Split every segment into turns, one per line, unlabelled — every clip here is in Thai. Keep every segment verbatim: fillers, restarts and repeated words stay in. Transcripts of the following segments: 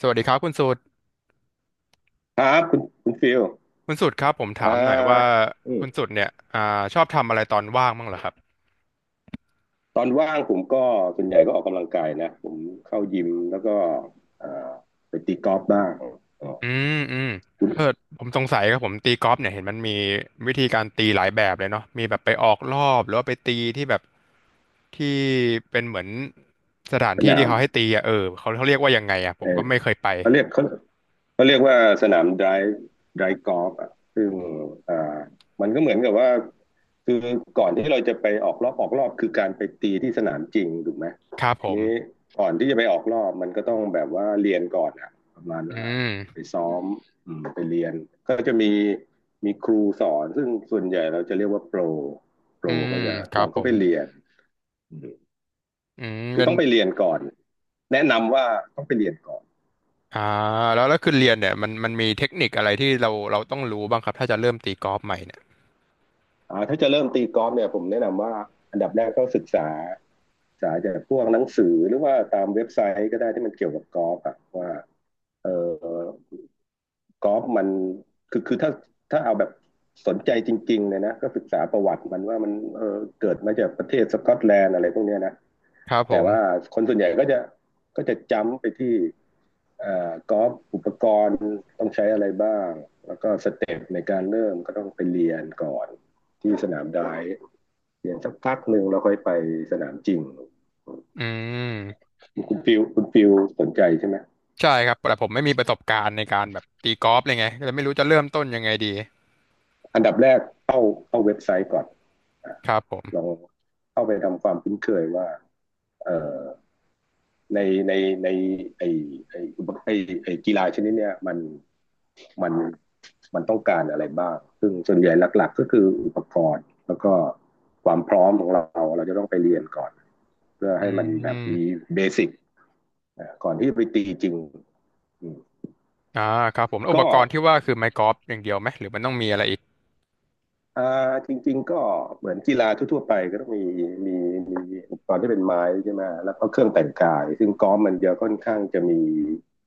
สวัสดีครับคุณสุด
ครับคุณคุณฟิล
คุณสุดครับผม
อ่า
ถามหน่อยว่า
อืม
คุณสุดเนี่ยอ่าชอบทำอะไรตอนว่างบ้างเหรอครับ
ตอนว่างผมก็ส่วนใหญ่ก็ออกกำลังกายนะผมเข้ายิมแล้วก็อ่าไปตีกอล์ฟบ้างออก
อืมอืมเออผมสงสัยครับผมตีกอล์ฟเนี่ยเห็นมันมีวิธีการตีหลายแบบเลยเนาะมีแบบไปออกรอบหรือว่าไปตีที่แบบที่เป็นเหมือนสถาน
ส
ที่
นา
ที่
ม
เขาให้ตีอ่ะเออเขาเขาเรียกว่ายังไงอ่ะผ
เอ
ม
อ
ก็ไม่เคยไป
เขาเรียกเขาเขาเรียกว่าสนามไดร์ไดร์กอล์ฟอ่ะซึ่งอ่ามันก็เหมือนกับว่าคือก่อนที่เราจะไปออกรอบออกรอบคือการไปตีที่สนามจริงถูกไหม
ครับผ
ที
ม
นี้ก่อนที่จะไปออกรอบมันก็ต้องแบบว่าเรียนก่อนอะประมาณ
อื
ว่าไป
ม
ซ้อมไปเรียนก็จะมีมีครูสอนซึ่งส่วนใหญ่เราจะเรียกว่าโปรโปร
อืม
ก็จะ
ครั
เรา
บผ
ก็ไป
ม
เรียน
อืม
คือ
เป็น
ต้องไปเรียนก่อนแนะนำว่าต้องไปเรียนก่อน
อ่าแล้วแล้วคือเรียนเนี่ยมันมันมีเทคนิคอะไรที่เราเราต้องรู้บ้างครับถ้าจะเริ่มตีกอล์ฟใหม่เนี่ย
อ่าถ้าจะเริ่มตีกอล์ฟเนี่ยผมแนะนำว่าอันดับแรกก็ศึกษาศึกษาจากพวกหนังสือหรือว่าตามเว็บไซต์ก็ได้ที่มันเกี่ยวกับกอล์ฟอะว่าเออ กอล์ฟมันคือคือถ้าถ้าเอาแบบสนใจจริงๆเลยนะก็ศึกษาประวัติมันว่ามันเออเกิดมาจากประเทศสกอตแลนด์อะไรพวกเนี้ยนะ
ครับผ
แต่ว่า
ม
คนส่วนใหญ่ก็จะก็จะจำไปที่อ่อกอล์ฟอุปกรณ์ต้องใช้อะไรบ้างแล้วก็สเต็ปในการเริ่มก็ต้องไปเรียนก่อนที่สนามไดฟ์เรียนสักพักหนึ่งแล้วค่อยไปสนามจริง
อืม
คุณฟิวคุณฟิวสนใจใช่ไหม
ใช่ครับ แต่ผมไม่มีประสบการณ์ในการแบบตีกอล์ฟเลยไงก็เลยไม่รู้จะเริ่มต้นยังไงดี
อันดับแรกเข้าเข้าเว็บไซต์ก่อน
ครับผม
ลองเข้าไปทำความคุ้นเคยว่า เอ่อในในในไอไอไอไอกีฬาชนิดเนี้ยมันมันมันต้องการอะไรบ้างซึ่งส่วนใหญ่หลักๆก็คืออุปกรณ์แล้วก็ความพร้อมของเราเราจะต้องไปเรียนก่อนเพื่อ
อื
ให้มันแบบมี
ม
เบสิกก่อนที่ไปตีจริง
อ่าครับผมแล้วอุป
ก็
กรณ์ที่ว่าคือไม้กอล์ฟอย่างเดียวไหมหรือมันต้องมีอะไรอีก
อ่าจริงๆก็เหมือนกีฬาทั่วๆไปก็ต้องมีมีมีอุปกรณ์ที่เป็นไม้ใช่ไหมแล้วก็เครื่องแต่งกายซึ่งกอล์ฟมันจะค่อนข้างจะมี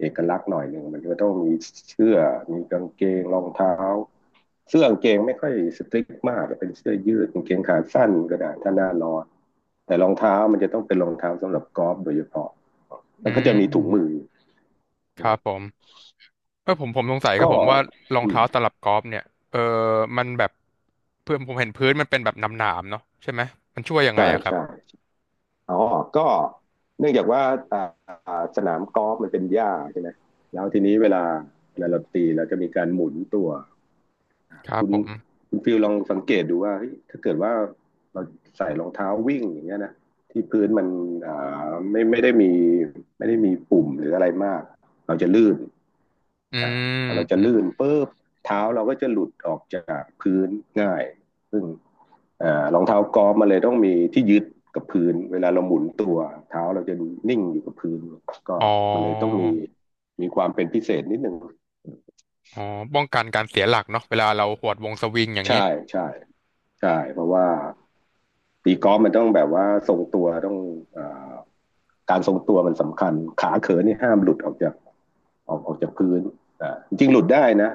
เอกลักษณ์หน่อยหนึ่งมันก็ต้องมีเสื้อมีกางเกงรองเท้าเสื้อกางเกงไม่ค่อยสตริกมากเป็นเสื้อยืดกางเกงขาสั้นก็ได้ถ้าหน้าร้อนแต่รองเท้ามันจะต้องเป็นรองเท้าสำหรับกอล์ฟโดยเฉพาะ
อื
แล้วก็จะมีถุงมือ
มครับผมเออผมผมสงสัยครับ
ก็
ผมว่ารอง
อื
เท้า
ม
ตลับกอล์ฟเนี่ยเออมันแบบเพื่อนผมเห็นพื้นมันเป็นแบบหนามๆเนาะใช่ไหมมันช่วยยังไง
ใช่
อะครับ
ใช่ อ๋อก็เนื่องจากว่าอ่าอ่าสนามกอล์ฟมันเป็นหญ้าใช่ไหม แล้วทีนี้เวลาเวลาเราตีเราจะมีการหมุนตัว
ครับ
คุณ
ผม
คุณฟิลลองสังเกตดูว่าเฮ้ยถ้าเกิดว่าเราใส่รองเท้าวิ่งอย่างเงี้ยนะที่พื้นมันอ่าไม่ไม่ได้มีไม่ได้มีปุ่มหรืออะไรมากเราจะลื่น
อื
อ่า
ม
พอเราจะ
อม
ลื่นปุ๊บเท้าเราก็จะหลุดออกจากพื้นง่าย่ อ่อรองเท้ากอล์ฟมันเลยต้องมีที่ยึดกับพื้นเวลาเราหมุนตัวเท้าเราจะนิ่งอยู่กับพื้นก็
อ๋อ
มันเลยต้องมีมีความเป็นพิเศษนิดหนึ่ง
อ๋อป้องกันการเสียหลักเนาะเวลาเราหวดวงสวิงอย่าง
ใช่
นี้
ใช่ใช่เพราะว่าตีกอล์ฟมันต้องแบบว่าทรงตัวต้องเอ่อการทรงตัวมันสำคัญขาเขินนี่ห้ามหลุดออกจากออกออกจากพื้นอ่าจริงๆหลุดได้นะ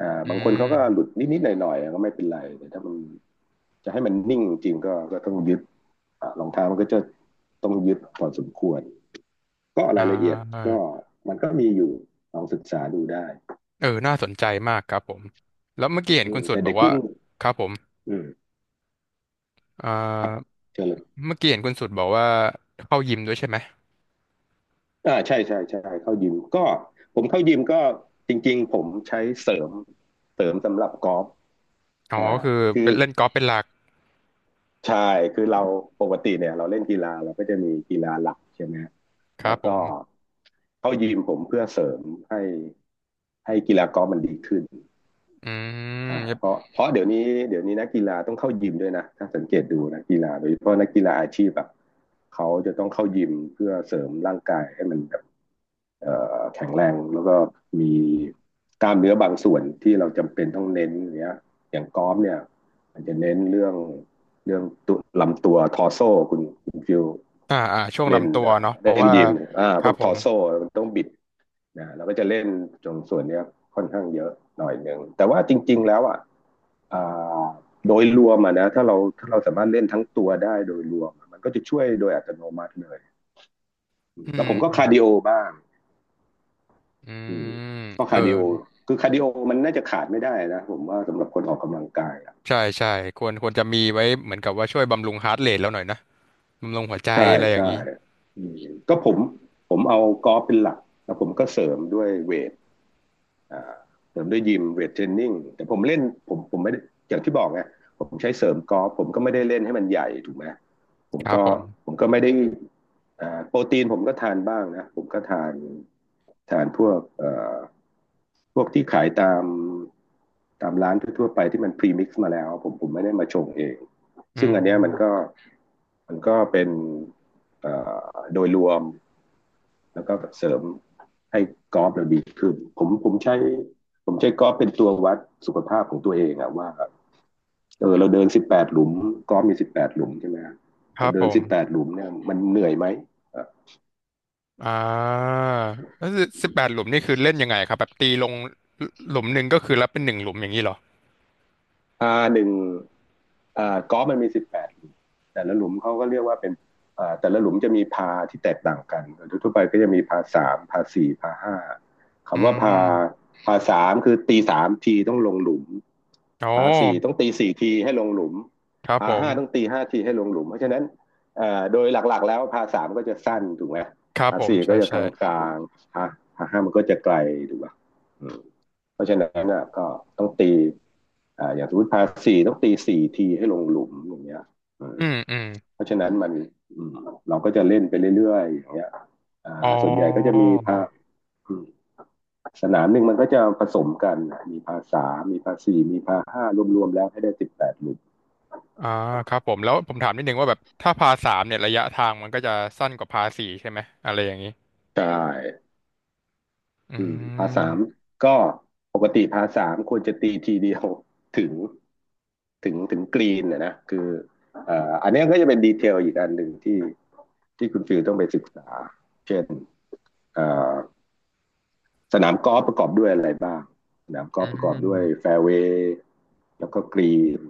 อ่า
อื
บางคน
ม
เขาก็หลุดนิดๆหน่อยๆก็ไม่เป็นไรแต่ถ้ามันจะให้มันนิ่งจริงก็ก็ต้องยึดรองเท้ามันก็จะต้องยึดพอสมควร ก็ราย
อ่า
ละเอียดก็มันก็มีอยู่ลองศึกษาดูได้
เออน่าสนใจมากครับผมแล้วเมื่อกี้เห็น
อื
คุ
ม
ณสุด
แต่
บอ
เด็
ก
ก
ว่า
รุ่น
ครับผม
อืม
อ่า
เชเลย
เมื่อกี้เห็นคุณสุดบอกว่าเข้ายิมด้วยใช่ไหม
อ่าใช่ใช่ใช่เข้ายิมก็ผมเข้ายิมก็จริงๆผมใช้เสริมเสริมสำหรับกอล์ฟ
อ๋อ
อ่า
ก็คือ
คือ
เป็นเล่นกอล์ฟเป็นหลัก
ใช่คือเราปกติเนี่ยเราเล่นกีฬาเราก็จะมีกีฬาหลักใช่ไหมฮะ
ค
แล้
รั
ว
บผ
ก็
ม
เข้ายิมผมเพื่อเสริมให้ให้กีฬากอล์ฟมันดีขึ้น
อื
อ่า
ม
เพราะเพราะเดี๋ยวนี้เดี๋ยวนี้นักกีฬาต้องเข้ายิมด้วยนะถ้าสังเกตดูนักกีฬาโดยเฉพาะนักกีฬาอาชีพอ่ะเขาจะต้องเข้ายิมเพื่อเสริมร่างกายให้มันแบบเอ่อแข็งแรงแล้วก็มีกล้ามเนื้อบางส่วนที่เราจำเป็นต้องเน้นอย่างเนี้ยอย่างกอล์ฟเนี่ยมันจะเน้นเรื่องเรื่องตัวลำตัวทอร์โซคุณคุณฟิว
อ่าอ่าช่วง
เล่น
ลำตัว
เอ่อ
เนาะเพราะ
เล่น
ว่า
ยิมอ่า
ค
พ
รั
ว
บ
ก
ผ
ทอ
ม
ร์โซมันต้องบิดนะเราก็จะเล่นตรงส่วนเนี้ยค่อนข้างเยอะหน่อยหนึ่งแต่ว่าจริงๆแล้วอ่ะ อ่าโดยรวมอะนะถ้าเราถ้าเราสามารถเล่นทั้งตัวได้โดยรวมมันก็จะช่วยโดยอัตโนมัติเลย
อื
แล้ว
ม
ผมก็
อื
คา
ม
ร์ดิโอบ้าง
อื
อืม
ม
ก็
เออ
คาร์ดิโอคือคาร์ดิโอมันน่าจะขาดไม่ได้นะผมว่าสำหรับคนออกกำลังกายอะ
ใช่ใช่ควรควรจะมีไว้เหมือนกับว่าช่วยบำรุงฮาร์ทเรทแล้วหน่อยนะบำรุงหัวใจ
ใช่
อะไรอย่า
ใช่
งนี้
อืมก็ผมผมเอากอล์ฟเป็นหลักแล้วผมก็เสริมด้วยเวท เสริมด้วยยิมเวทเทรนนิ่งแต่ผมเล่นผมผมไม่อย่างที่บอกไงผมใช้เสริมกอล์ฟผมก็ไม่ได้เล่นให้มันใหญ่ถูกไหมผ
ค
ม
รับ
ก็
ผม
ผมก็ไม่ได้อโปรตีนผมก็ทานบ้างนะผมก็ทานทานพวกเอ่อพวกที่ขายตามตามร้านทั่วๆไปที่มันพรีมิกซ์มาแล้วผมผมไม่ได้มาชงเอง
อื
ซึ่ง
ม
อันเนี้ยมันก็มันก็เป็นเอ่อโดยรวม แล้วก็เสริมให้กอล์ฟเราดีขึ้นผมผมใช้ผมใช้กอล์ฟเป็นตัววัดสุขภาพของตัวเองอะว่าเออเราเดินสิบแปดหลุมกอล์ฟมีสิบแปดหลุมใช่ไหม
ค
เรา
รับ
เดิ
ผ
น
ม
สิบแปดหลุมเนี่ยมันเหนื่อยไหม
อ่าแล้วสิบแปดหลุมนี่คือเล่นยังไงครับแบบตีลงหลุมหนึ่งก็คือรับเป็นหนึ่งหลุมอย่างนี้เหรอ
อ่าหนึ่งอ่ากอล์ฟมันมีสิบแปดหลุมแต่ละหลุมเขาก็เรียกว่าเป็นอ่าแต่ละหลุมจะมีพาที่แตกต่างกันทั่วๆไปก็จะมีพาสามพาสี่พาห้า
อื
คำว่าพา
ม
พาสามคือตีสามทีต้องลงหลุม
อ๋อ
ผาสี่ต้องตีสี่ทีให้ลงหลุม
ครับผ
ผาห้าต้อง
ม
ตีห้าทีให้ลงหลุมเพราะฉะนั้นเอ่อโดยหลักๆแล้วผาสามก็จะสั้นถูกไหม
ครับ
ผา
ผม
สี่
ใช่
ก็จะกลา
ใช่
งๆผาผาห้ามันก็จะไกลถูกป่ะอืมเพราะฉะนั้นน่ะก็ต้องตีอ่าอย่างสมมติผาสี่ต้องตีสี่ทีให้ลงหลุมอย่างเงี้ยอืม
อืมอืม
เพราะฉะนั้นมันอืมเราก็จะเล่นไปเรื่อยๆอย่างเงี้ย
อ๋
อ่าส่วนใหญ่ก็จะ
อ
มีพาอืมสนามหนึ่งมันก็จะผสมกันมีพาสามมีพาสี่มีพาห้ารวมๆแล้วให้ได้สิบแปดหลุม
อ่าครับผมแล้วผมถามนิดนึงว่าแบบถ้าพาสามเนี่ยระยะทางมันก็จะสั้นกว่าพาสี่ใช่ไหมอะไรอย่างนี้
ใช่
อื
อืมพาร์ทสาม
ม
ก็ปกติพาร์ทสามควรจะตีทีเดียวถึงถึงถึงกรีนนะนะคือเอ่ออันเนี้ยก็จะเป็นดีเทลอีกอันหนึ่งที่ที่คุณฟิลต้องไปศึกษาเช่นเอ่อสนามกอล์ฟประกอบด้วยอะไรบ้างสนามก
อื
อล์ฟประกอบด้วย
ม
แฟร์เวย์แล้วก็กรีน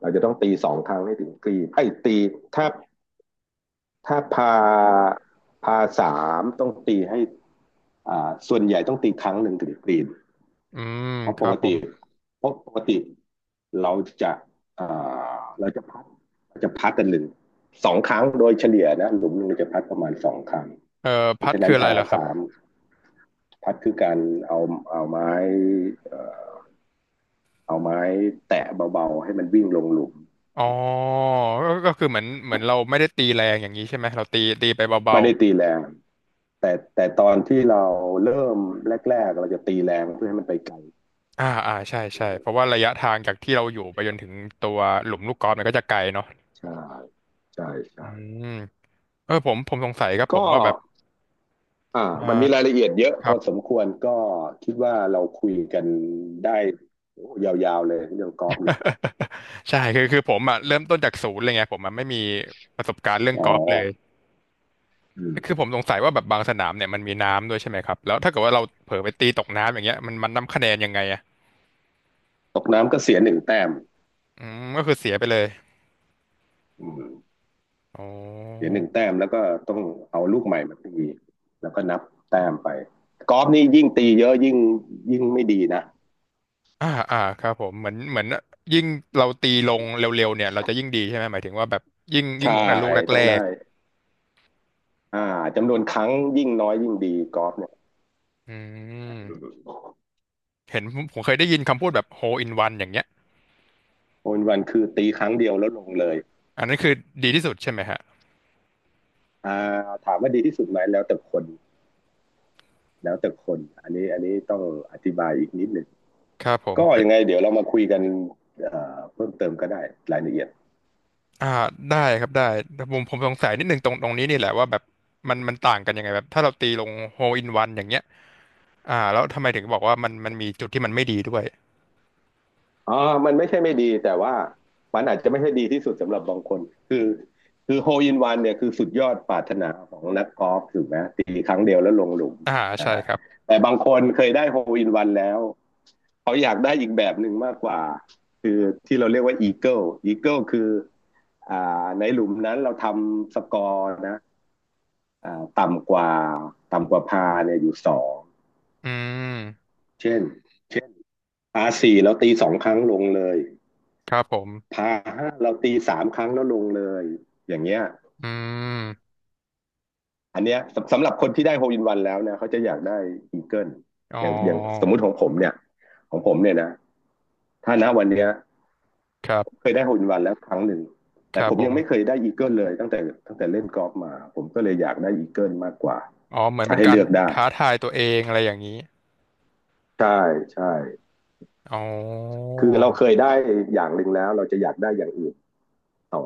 เราจะต้องตีสองครั้งให้ถึงกรีนไอ้ยตีถ้าถ้าพาพาสามต้องตีให้อ่าส่วนใหญ่ต้องตีครั้งหนึ่งถึงกรีน
อืม
เพราะ
ค
ป
รั
ก
บผ
ติ
ม
เพราะปกติเราจะเอ่อเราจะพัดเราจะพัดกันหนึ่งสองครั้งโดยเฉลี่ยนะหลุมหนึ่งเราจะพัดประมาณสองครั้ง
เอ่อ
เพ
พั
ราะ
ด
ฉะนั้
คื
น
ออะไร
พา
ล่ะครับ
สามพัดคือการเอาเอาไม้เอ่อเอาไม้แตะเบาๆให้มันวิ่งลงหลุม
อ๋อก็ก็คือเหมือนเหมือนเราไม่ได้ตีแรงอย่างนี้ใช่ไหมเราตีตีไปเบา
ไม่ได้ตีแรงแต่แต่ตอนที่เราเริ่มแรกๆเราจะตีแรงเพื่อให้มันไปไกล
อ่าอ่าใช่ใช่เพราะว่าระยะทางจากที่เราอยู่ไปจนถึงตัวหลุมลูกกอล์ฟมันก็จะไกลเนาะ
ใช่ใช่
อื
ใช่
มเออผมผมสงสัยครับผม
ก็
ว่าแบบ
อ่า
เออ
มันมีรายละเอียดเยอะ
ค
พ
รั
อ
บ
สมควรก็คิดว่าเราคุยกันได้โอ้ยาวๆเลยเรื่องกอล์ฟเนี่ย
ใช่คือคือผมอ่ะเริ่มต้นจากศูนย์เลยไงผมมันไม่มีประสบการณ์เรื่อง
อ๋อ
กอล์ฟเลย
อืม
คือผมสงสัยว่าแบบบางสนามเนี่ยมันมีน้ำด้วยใช่ไหมครับแล้วถ้าเกิดว่าเราเผลอไปตีตกน้ำอย่างเงี้ยมันมันนับคะแนนยังไงอ่ะ
ตกน้ำก็เสียหนึ่งแต้ม
อืมก็คือเสียไปเลย
อืม
อ๋
เสีย
อ
หนึ่งแต้มแล้วก็ต้องเอาลูกใหม่มาตีแล้วก็นับแต้มไปกอล์ฟนี่ยิ่งตีเยอะยิ่งยิ่งไม่ดีนะ
อ่าอ่าครับผมเหมือนเหมือนยิ่งเราตีลงเร็วๆเนี่ยเราจะยิ่งดีใช่ไหมหมายถึงว่าแบบยิ่งยิ่ง
ใช่
ลงแต่ลูก
ต้
แร
องได้
ก
อ่าจำนวนครั้งยิ่งน้อยยิ่งดีกอล์ฟเนี่ย
อื
อื
ม
ม
เห็นผมผมเคยได้ยินคำพูดแบบ hole in one อย่างเงี้ย
โอนวันคือตีครั้งเดียวแล้วลงเลย
อันนั้นคือดีที่สุดใช่ไหมฮะ
อ่าถามว่าดีที่สุดไหมแล้วแต่คน แล้วแต่คนอันนี้อันนี้ต้องอธิบายอีกนิดหนึ่ง
ครับผม
ก็
เป็
ยั
น
งไงเดี๋ยวเรามาคุยกันเพิ่มเติมก็ได้รายละเอียด
อ่าได้ครับได้แต่ผมผมสงสัยนิดนึงตรงตรงนี้นี่แหละว่าแบบมันมันต่างกันยังไงแบบถ้าเราตีลง hole in one อย่างเงี้ยอ่าแล้วทำไมถึงบอกว่ามันมันมีจุดที่มันไม่ดีด้วย
อ๋อมันไม่ใช่ไม่ดีแต่ว่ามันอาจจะไม่ใช่ดีที่สุดสำหรับบางคน คือคือโฮลอินวันเนี่ยคือสุดยอดปรารถนาของนักกอล์ฟถูกไหมตีครั้งเดียวแล้วลงหลุม
อ่า
อ่า
ใช่ครับ
แต่บางคนเคยได้โฮลอินวันแล้วเขาอยากได้อีกแบบหนึ่งมากกว่าคือที่เราเรียกว่าอีเกิลอีเกิลคืออ่าในหลุมนั้นเราทำสกอร์นะ อ่าต่ำกว่าต่ำกว่าพาเนี่ยอยู่สอง
อืม
เช่นเช่นพาสี่เราตีสองครั้งลงเลย
ครับผม
พาห้าเราตีสามครั้งแล้วลงเลยอย่างเงี้ย
อืม
อันเนี้ยสำหรับคนที่ได้โฮลอินวันแล้วเนี่ยเขาจะอยากได้อีเกิล
อ๋อ
อย่างอย่างสมมุติของผมเนี่ยของผมเนี่ยนะถ้าณวันนี้
ครั
เค
บ
ยได้โฮลอินวันแล้วครั้งหนึ่ง
ค
แต่
รั
ผ
บ
ม
ผ
ยังไม่เค
ม
ยได้อีเกิลเลยตั้งแต่ตั้งแต่เล่นกอล์ฟมาผมก็เลยอยากได้อีเกิลมากกว่า
อ๋อเหมือน
ถ้า
เป็น
ให้
การ
เลือกได้
ท้าทายตัวเองอะไรอย่างนี้
ใช่ใช่
อ๋อ
คือเราเคยได้อย่างหนึ่งแล้วเราจะอยากได้อย่างอื่นต่อ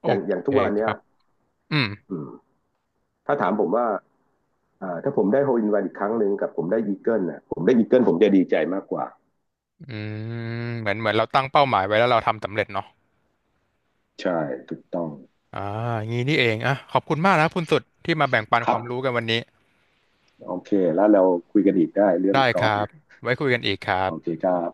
โอ
อย่างอย่าง
เค
ทุกวัน
ค
เนี้ย
รับอืม
ถ้าถามผมว่าถ้าผมได้โฮลอินวันอีกครั้งหนึ่งกับผมได้อีเกิลนะผมได้อีเกิลผมจะดีใจมากกว่า
อืมเหมือนเหมือนเราตั้งเป้าหมายไว้แล้วเราทำสำเร็จเนาะ
ใช่ถูกต้อง
อ่างี้นี่เองอ่ะขอบคุณมากนะคุณสุดที่มาแบ่งปัน
ค
ค
รั
วา
บ
มรู้กันวันนี้
โอเคแล้วเราคุยกันอีกได้เรื่อง
ได้
ก
ค
อล์ฟ
รับ
เนี่ย
ไว้คุยกันอีกครั
โอ
บ
เคครับ